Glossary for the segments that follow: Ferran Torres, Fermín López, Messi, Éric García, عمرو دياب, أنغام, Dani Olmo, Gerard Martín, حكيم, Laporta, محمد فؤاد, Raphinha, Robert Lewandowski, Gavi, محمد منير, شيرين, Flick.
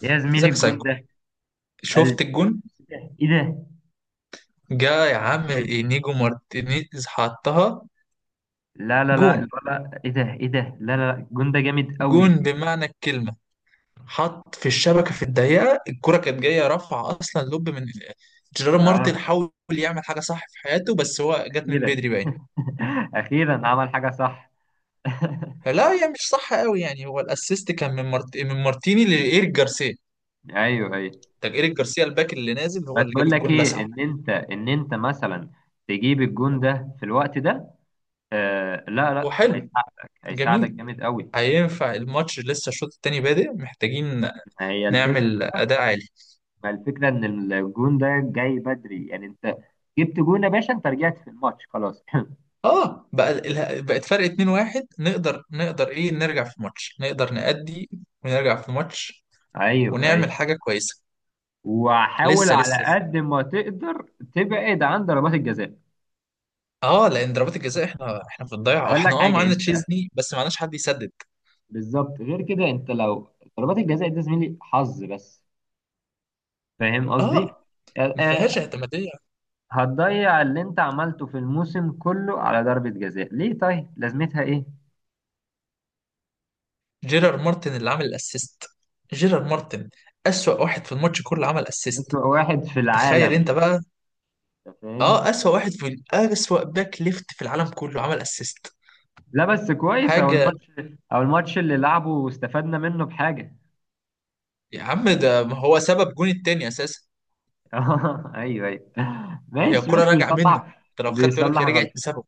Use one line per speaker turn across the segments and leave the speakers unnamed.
يا زميلي
زكا
الجون
سايكو.
ده قال
شفت الجون
ايه ده.
جا يا عم. نيجو مارتينيز حطها.
لا لا لا
جون،
الولا، ايه ده ايه ده، لا لا لا الجون ده جامد قوي.
جون بمعنى الكلمة. حط في الشبكة في الضيقة، الكرة كانت جاية رفع أصلا لوب من جيرار مارتن.
اه،
حاول يعمل حاجة صح في حياته بس هو جت من
اخيرا.
بدري باين.
اخيرا عمل حاجه صح.
لا هي مش صح قوي يعني، هو الأسيست كان من مارتيني لإيريك جارسيا.
ايوه ايوه.
ده إيريك جارسيا الباك اللي نازل هو
بس
اللي جاب
بقول لك
الجون
ايه،
لسعه.
ان انت مثلا تجيب الجون ده في الوقت ده، آه لا لا،
وحلو،
هيساعدك
جميل.
هيساعدك جامد قوي.
هينفع الماتش لسه، الشوط التاني بادئ، محتاجين
ما هي الفكره،
نعمل أداء عالي.
ما الفكره ان الجون ده جاي بدري، يعني انت جبت جون يا باشا، انت رجعت في الماتش خلاص.
اه بقى بقت فرق 2-1، نقدر، نقدر نرجع في الماتش، نقدر نأدي ونرجع في الماتش
ايوه
ونعمل
ايوه.
حاجة كويسة.
وحاول
لسه
على
لسه.
قد ما تقدر تبعد عن ضربات الجزاء.
اه لان ضربات الجزاء احنا في الضيعة،
اقول لك
واحنا اه
حاجه،
معانا
انت
تشيزني بس معناش حد يسدد.
بالظبط غير كده، انت لو ضربات الجزاء دي زميلي حظ بس، فاهم قصدي؟
اه
آه،
ما فيهاش
آه،
اعتمادية.
هتضيع اللي انت عملته في الموسم كله على ضربة جزاء؟ ليه؟ طيب لازمتها ايه؟
جيرار مارتن اللي عامل الاسيست، جيرار مارتن، اسوأ واحد في الماتش كله عمل اسيست.
اسوأ واحد في
تخيل
العالم،
انت بقى.
انت فاهم.
اه اسوأ واحد في اسوأ باك ليفت في العالم كله عمل اسيست.
لا بس كويس او
حاجة.
الماتش، او الماتش اللي لعبه واستفدنا منه بحاجة.
يا عم ده ما هو سبب جون التاني اساسا.
ايوه ايوه
هي
ماشي
الكرة
ماشي،
راجعة منه،
بيصلح،
انت لو خدت بالك
بيصلح
هي رجعت
غلطة،
بسببه.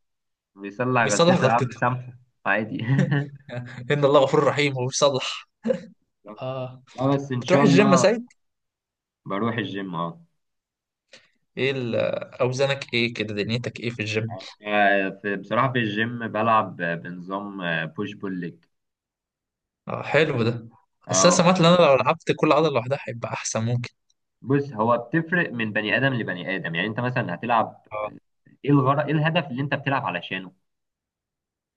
بيصلع
بيصلح
غلطته يا عم
غلطته.
سامحه، عادي.
ان الله غفور رحيم وبيصلح. اه،
اه بس ان
بتروح
شاء
الجيم يا
الله.
سيد؟
بروح الجيم اه.
ايه ال- آه، اوزانك ايه كده، دنيتك ايه في الجيم؟
في بصراحة في الجيم بلعب بنظام بوش بول ليج.
اه حلو ده. بس انا
اه
سمعت ان انا لو لعبت كل عضلة لوحدها هيبقى احسن، ممكن.
بص، هو بتفرق من بني ادم لبني ادم، يعني انت مثلا هتلعب،
اه،
ايه الغرض، ايه الهدف اللي انت بتلعب علشانه؟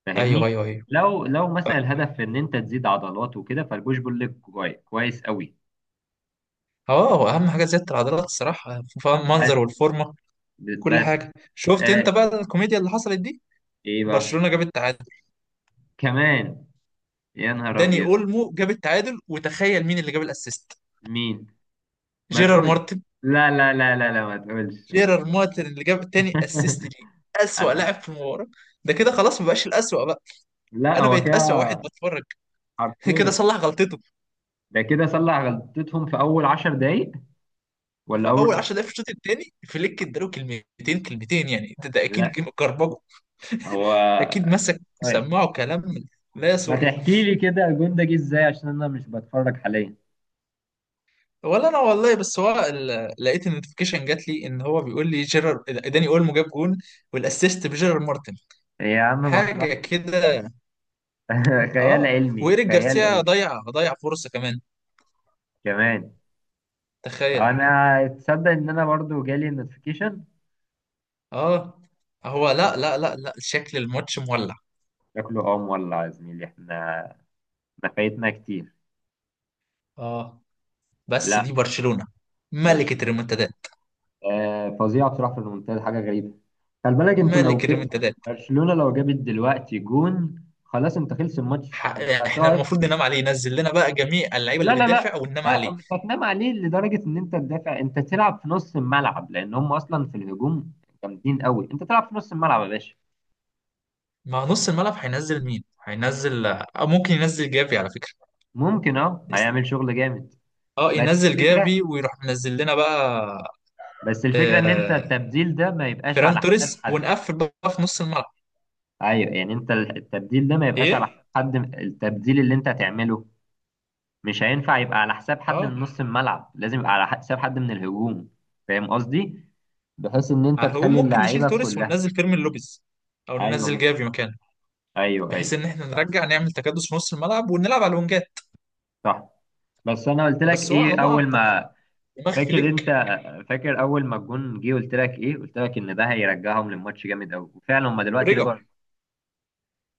فاهمني؟
ايوه ايوه ايوه.
لو
ف-
مثلا الهدف ان انت تزيد عضلات وكده، فالبوش بول ليج كويس كويس قوي.
اه هو اهم حاجة زيادة العضلات الصراحة،
بس
المنظر والفورمة كل
بس
حاجة. شفت انت
آه
بقى الكوميديا اللي حصلت دي؟
ايه بقى؟
برشلونة جاب التعادل.
كمان؟ يا نهار
داني
ابيض.
اولمو جاب التعادل، وتخيل مين اللي جاب الاسيست.
مين؟ ما
جيرار،
تقولش. لا لا لا لا لا، ما تقولش ما
جيرار
تقولش.
مارتن اللي جاب التاني اسيست ليه، اسوأ
انا.
لاعب في المباراة. ده كده خلاص ما بقاش الاسوأ بقى،
لا
انا
هو
بقيت اسوأ واحد
كده،
بتفرج. كده
حرفيا.
صلح غلطته.
ده كده صلح غلطتهم في اول عشر دقايق، ولا
فاول
اول.
10 دقايق في الشوط التاني فليك اداله كلمتين كلمتين يعني، ده اكيد
لا
كربجه،
هو.
اكيد مسك
طيب
سماعه كلام لا
ما
يسر.
تحكي لي كده الجون ده جه ازاي عشان انا مش بتفرج حاليا.
ولا انا والله، بس هو لقيت النوتيفيكيشن جات لي ان هو بيقول لي جيرار داني اولمو جاب جون والاسيست بجيرار مارتن.
يا عم
حاجه
مصلحة.
كده.
خيال
اه
علمي
وايريك
خيال
جارسيا
علمي.
ضيع فرصه كمان.
كمان.
تخيل.
انا تصدق ان انا برضو جالي النوتيفيكيشن؟
اه هو، لا لا لا لا شكل الماتش مولع.
شكله اه مولع يا زميلي، احنا احنا فايتنا كتير.
اه، بس
لا.
دي برشلونة، ملكة
برشلونة.
الريمونتادات،
آه فظيعه بصراحه، في الممتاز حاجه غريبه. خلي بالك انتوا لو
ملك
جي،
الريمونتادات.
برشلونه لو جابت دلوقتي جون، خلاص انت خلص الماتش،
ح-
انت
احنا
هتقعد.
المفروض ننام عليه، ينزل لنا بقى جميع اللعيبه
لا
اللي
لا
بتدافع
لا،
وننام
لا
عليه.
مش هتنام عليه لدرجه ان انت تدافع، انت تلعب في نص الملعب، لان هم اصلا في الهجوم جامدين قوي، انت تلعب في نص الملعب يا باشا.
ما نص الملعب هينزل مين؟ هينزل أو ممكن ينزل جافي على فكرة.
ممكن اه، هيعمل شغل جامد.
اه
بس
ينزل
الفكره
جافي ويروح منزل لنا بقى.
بس الفكره ان انت
آه،
التبديل ده ما يبقاش على
فيران
حساب
توريس
حد.
ونقفل بقى في نص الملعب.
ايوه، يعني انت التبديل ده ما يبقاش على
ايه.
حساب حد، التبديل اللي انت هتعمله مش هينفع يبقى على حساب حد
اه
من نص الملعب، لازم يبقى على حساب حد من الهجوم. فاهم قصدي؟ بحيث ان انت
هو
تخلي
ممكن نشيل
اللعيبه
توريس
كلها.
وننزل فيرمين لوبيز، او
ايوه
ننزل
ممكن.
جافي مكانه.
ايوه
بحيث
ايوه.
ان احنا نرجع نعمل تكدس في نص الملعب ونلعب على الونجات.
صح. بس انا قلت لك
بس هو على
ايه
ما
اول
اعتقد
ما،
دماغ
فاكر انت،
فليك.
فاكر اول ما الجون جه قلت لك ايه؟ قلت لك ان ده هيرجعهم للماتش جامد قوي، وفعلا هم دلوقتي
ورجع،
رجعوا.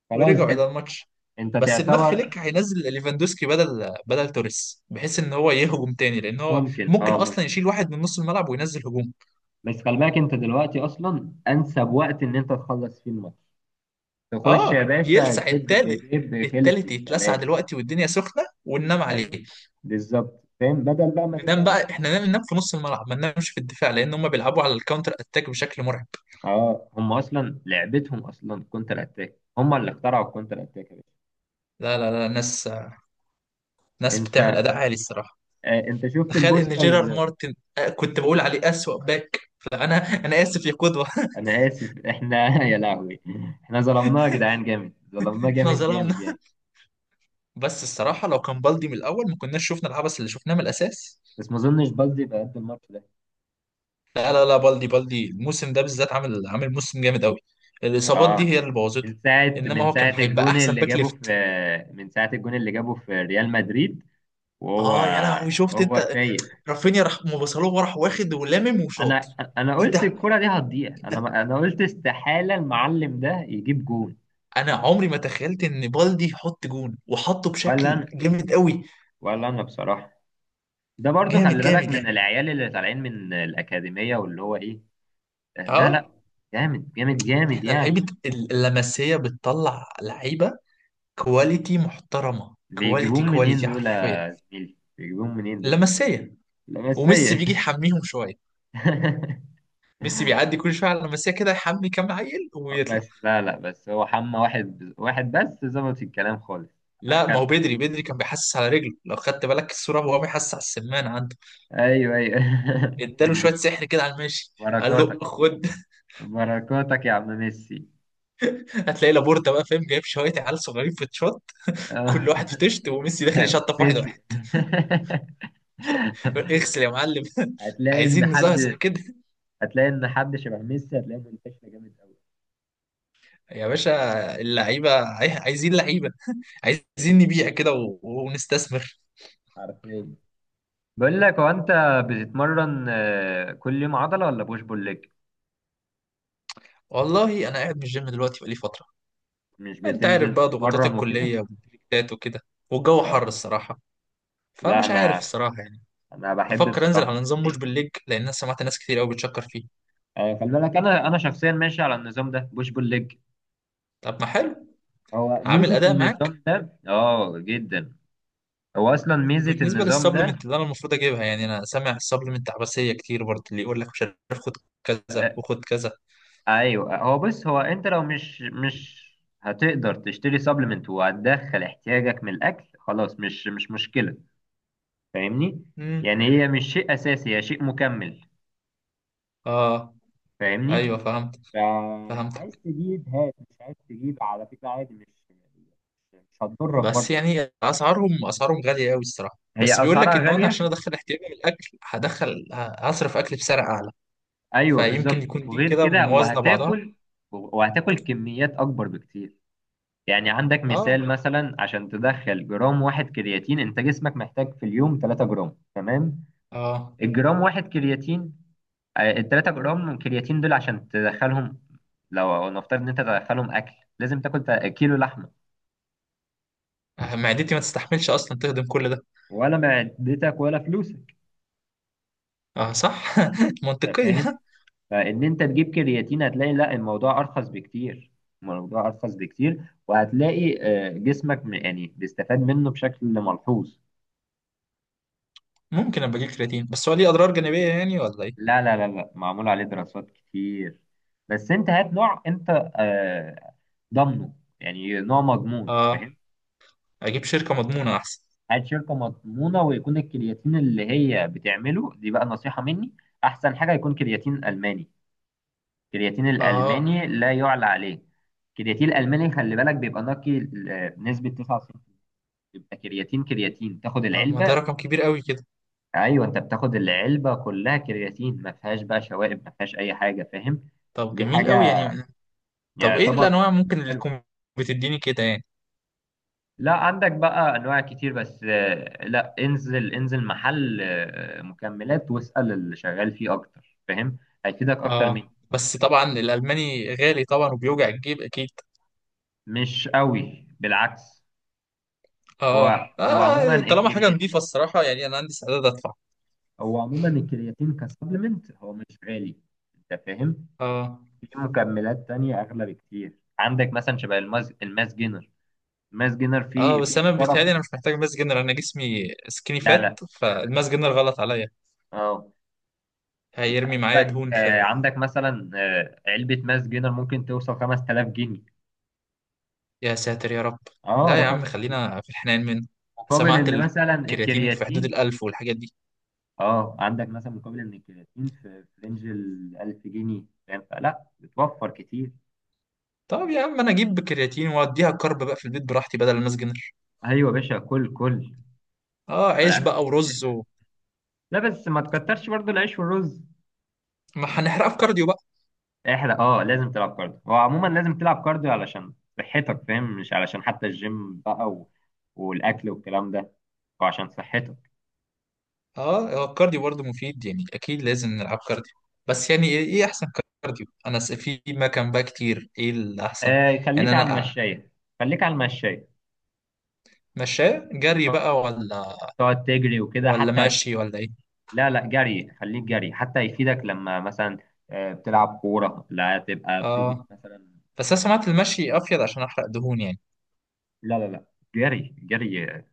خلاص
ورجعوا الى
انت،
الماتش.
انت
بس دماغ فليك
تعتبر.
هينزل ليفاندوسكي بدل توريس، بحيث ان هو يهجم تاني، لان هو
ممكن
ممكن
اه ممكن.
اصلا يشيل واحد من نص الملعب وينزل هجوم.
بس خلي بالك انت دلوقتي اصلا انسب وقت ان انت تخلص فيه الماتش. تخش يا
اه
باشا،
يلسع
جيب،
التالت.
جيب خلف
التالت يتلسع
الكلام.
دلوقتي والدنيا سخنه، وننام عليه.
ايوه بالظبط، فاهم، بدل بقى ما
ننام
تتعب.
بقى، احنا ننام في نص الملعب، ما ننامش في الدفاع، لان هم بيلعبوا على الكاونتر اتاك بشكل مرعب.
اه هم اصلا لعبتهم اصلا كونتر اتاك، هم اللي اخترعوا الكونتر اتاك يا باشا.
لا لا لا ناس، ناس بتعمل
انت
اداء عالي الصراحه.
انت شفت
تخيل ان جيرارد
البوستر؟
مارتن، آه، كنت بقول عليه اسوأ باك، فانا انا اسف يا قدوه.
انا اسف، احنا يا لهوي، احنا ظلمناه يا جدعان جامد، ظلمناه
احنا
جامد جامد
ظلمنا.
يعني.
بس الصراحه لو كان بالدي من الاول ما كناش شفنا العبث اللي شفناه من الاساس.
بس ما اظنش بلدي بقى قد الماتش ده.
لا لا لا بالدي، بالدي الموسم ده بالذات عامل، عامل موسم جامد قوي. الاصابات دي
اه.
هي اللي بوظته.
من ساعه
انما
من
هو
ساعه
كان هيبقى
الجون
احسن
اللي
باك
جابه في،
ليفت.
من ساعه الجون اللي جابه في ريال مدريد، وهو،
اه يا لهوي، شفت
هو
انت؟
فايق.
رافينيا راح مبصلوه، راح واخد ولامم
انا
وشاط.
انا
ايه ده،
قلت الكرة دي هتضيع،
ايه
انا
ده.
انا قلت استحالة المعلم ده يجيب جون.
انا عمري ما تخيلت ان بالدي يحط جون، وحطه
ولا
بشكل
انا،
جامد قوي.
ولا انا بصراحة. ده برضو
جامد
خلي بالك
جامد
من
يعني.
العيال اللي طالعين من الأكاديمية، واللي هو ايه، لا لا،
اه
جامد جامد جامد
احنا
يعني.
لعيبة اللمسية بتطلع لعيبة كواليتي محترمة، كواليتي
بيجيبون منين
كواليتي
دول
حرفيا.
يا زميلي؟ بيجيبون منين دول؟
اللمسية وميسي
لمسية.
بيجي يحميهم شوية. ميسي بيعدي كل شوية على اللمسية كده، يحمي كام عيل ويطلع.
بس لا لا، بس هو حمى واحد واحد بس ظبط الكلام خالص.
لا ما هو
أخل...
بدري، بدري كان بيحسس على رجله، لو خدت بالك الصورة وهو بيحسس على السمان عنده.
ايوه ايوه.
اداله شوية سحر كده على الماشي، قال له
بركاتك،
خد.
بركاتك يا عم ميسي.
هتلاقي لابورتا بقى فاهم جايب شوية عيال صغيرين في تشوت، كل واحد في تشت، وميسي داخل يشطف واحد
ميسي.
واحد. يقول اغسل يا معلم.
هتلاقي ان
عايزين نزهزه
حد،
كده.
هتلاقي ان حد شبه ميسي هتلاقيه منتشر جامد قوي.
يا باشا اللعيبة عايزين لعيبة. عايزين نبيع كده ونستثمر.
حرفيا. بقول لك، هو انت بتتمرن كل يوم عضله ولا بوش بول ليج؟
والله أنا قاعد من الجيم دلوقتي بقالي فترة.
مش
أنت عارف
بتنزل
بقى ضغوطات
تتمرن وكده؟
الكلية والبريكات وكده، والجو حر
اه،
الصراحة،
لا
فمش عارف
انا،
الصراحة يعني.
انا بحب
بفكر أنزل
بصراحه.
على نظام مش
إيه.
بالليج، لأن أنا سمعت ناس كتير أوي بتشكر فيه.
خلي بالك، انا شخصيا ماشي على النظام ده، بوش بول ليج.
طب ما حلو.
هو
عامل
ميزه
أداء معاك.
النظام ده اه جدا. هو اصلا ميزه
وبالنسبة
النظام
للسبلمنت
ده.
اللي أنا المفروض أجيبها، يعني أنا سامع السبلمنت عباسية كتير برضه، اللي يقول لك مش عارف خد كذا
آه،
وخد كذا.
ايوه. هو بص، هو انت لو مش هتقدر تشتري سبلمنت وهتدخل احتياجك من الاكل، خلاص مش مشكله. فاهمني؟
امم،
يعني هي مش شيء اساسي، هي شيء مكمل.
آه، أيوه
فاهمني؟
فهمت، فهمت.
فعايز تجيب هات، مش عايز تجيب على فكرة عادي، مش، مش هتضرك
بس
برضه.
يعني اسعارهم، اسعارهم غاليه قوي الصراحه، بس
هي
بيقول لك
اسعارها
ان انا عشان
غاليه.
ادخل احتياجي من الاكل هدخل، هصرف اكل بسعر اعلى،
ايوه بالظبط،
فيمكن يكون دي
وغير
كده
كده
موازنه بعضها.
وهتاكل، وهتاكل كميات اكبر بكتير. يعني عندك
اه،
مثال، مثلا عشان تدخل جرام واحد كرياتين، انت جسمك محتاج في اليوم 3 جرام، تمام؟
اه
الجرام واحد كرياتين، ال 3 جرام من كرياتين دول عشان تدخلهم، لو نفترض ان انت تدخلهم اكل، لازم تاكل كيلو لحمه.
معدتي ما تستحملش اصلا تهضم كل ده.
ولا معدتك ولا فلوسك.
اه صح.
انت فاهم؟
منطقيه.
فان انت تجيب كرياتين، هتلاقي لا، الموضوع ارخص بكتير، الموضوع ارخص بكتير. وهتلاقي جسمك يعني بيستفاد منه بشكل ملحوظ.
ممكن ابقى اجيب كرياتين، بس هو ليه اضرار جانبيه يعني ولا ايه؟
لا لا لا لا، معمول عليه دراسات كتير. بس انت هات نوع انت، آه، ضامنه، يعني نوع مضمون،
اه،
فاهم؟
اجيب شركه مضمونه احسن.
هات شركة مضمونة، ويكون الكرياتين اللي هي بتعمله دي، بقى نصيحة مني، احسن حاجة يكون كرياتين ألماني. الكرياتين
اه،
الألماني لا يعلى عليه. الكرياتين الألماني خلي بالك، بيبقى نقي بنسبة 99، يبقى كرياتين كرياتين تاخد
آه، ما ده
العلبة.
رقم كبير قوي كده.
ايوه انت بتاخد العلبة كلها كرياتين، ما فيهاش بقى شوائب، ما فيهاش اي حاجة، فاهم؟
طب
دي
جميل قوي
حاجة
يعني. طب ايه
يعتبر
الانواع ممكن اللي
حلوة.
تكون بتديني كده يعني؟
لا عندك بقى انواع كتير، بس لا، انزل انزل محل مكملات واسأل اللي شغال فيه اكتر، فاهم؟ هيفيدك اكتر مني.
اه بس طبعا الالماني غالي طبعا وبيوجع الجيب اكيد.
مش قوي، بالعكس. هو
اه
هو عموما
اه طالما حاجه نظيفه
الكرياتين،
الصراحه يعني انا عندي استعداد ادفع.
هو عموما الكرياتين كسبلمنت هو مش غالي، انت فاهم؟
اه،
في مكملات تانية اغلى بكتير، عندك مثلا شبه الماس، الماس جينر. الماس جينر
اه
فيه
بس
فيه
انا
شرف.
بيتهيألي انا مش محتاج ماس جنرال، انا جسمي سكيني
لا لا
فات، فالماس جنرال غلط عليا،
اه. انت
هيرمي معايا
عندك
دهون في.
عندك مثلا علبة ماس جينر ممكن توصل 5000 جنيه.
يا ساتر يا رب.
اه
لا يا
رقم.
عم خلينا في الحنان منه.
مقابل
سمعت
ان مثلا
الكرياتين في حدود
الكرياتين،
1000 والحاجات دي.
اه عندك مثلا مقابل ان الكرياتين في، في رينج ال 1000 جنيه، فاهم؟ فلا بتوفر كتير.
طب يا عم انا اجيب كرياتين واديها كارب بقى في البيت براحتي بدل الماس جنرال.
ايوه يا باشا، كل كل
اه
على قد
عيش بقى
ما
ورز
تقدر.
و...
لا بس ما تكترش برضو العيش والرز.
ما هنحرقها في كارديو.
احرق اه، لازم تلعب كارديو، هو عموما لازم تلعب كارديو علشان صحتك، فاهم؟ مش علشان حتى الجيم بقى و... والاكل والكلام ده، وعشان صحتك.
اه هو الكارديو برضه مفيد يعني، اكيد لازم نلعب كارديو. بس يعني إيه احسن كارديو؟ انا في ما كان بقى كتير، ايه الاحسن
آه
يعني؟
خليك على
انا
المشاية، خليك على المشاية.
مشاه جري
اه
بقى ولا،
تقعد تجري وكده
ولا
حتى هتفيد.
ماشي، ولا ايه؟
لا لا، جري، خليك جري حتى يفيدك لما مثلا بتلعب كورة لا تبقى بتجري
اه
مثلا.
بس انا سمعت المشي افيد عشان احرق دهون يعني.
لا لا لا، جري جري،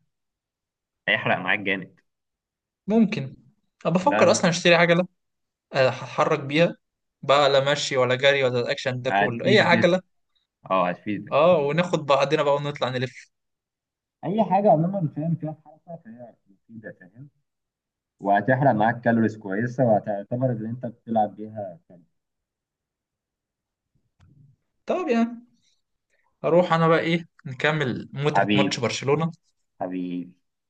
هيحرق معاك جامد.
ممكن. انا
لا
بفكر
لا.
اصلا اشتري عجله، آه، هتحرك بيها بقى، لا مشي ولا جري ولا الاكشن ده كله، ايه
هتفيد جسم،
عجله.
اه هتفيدك.
اه، وناخد بعضنا بقى ونطلع نلف.
اي حاجة عموما فاهم فيها حركة فهي مفيدة، فاهم؟ وهتحرق معاك كالوريز كويسة، وهتعتبر ان انت بتلعب بيها كالوريز.
طب يعني اروح انا بقى، ايه، نكمل متعه ماتش
حبيبي،
برشلونه.
حبيبي.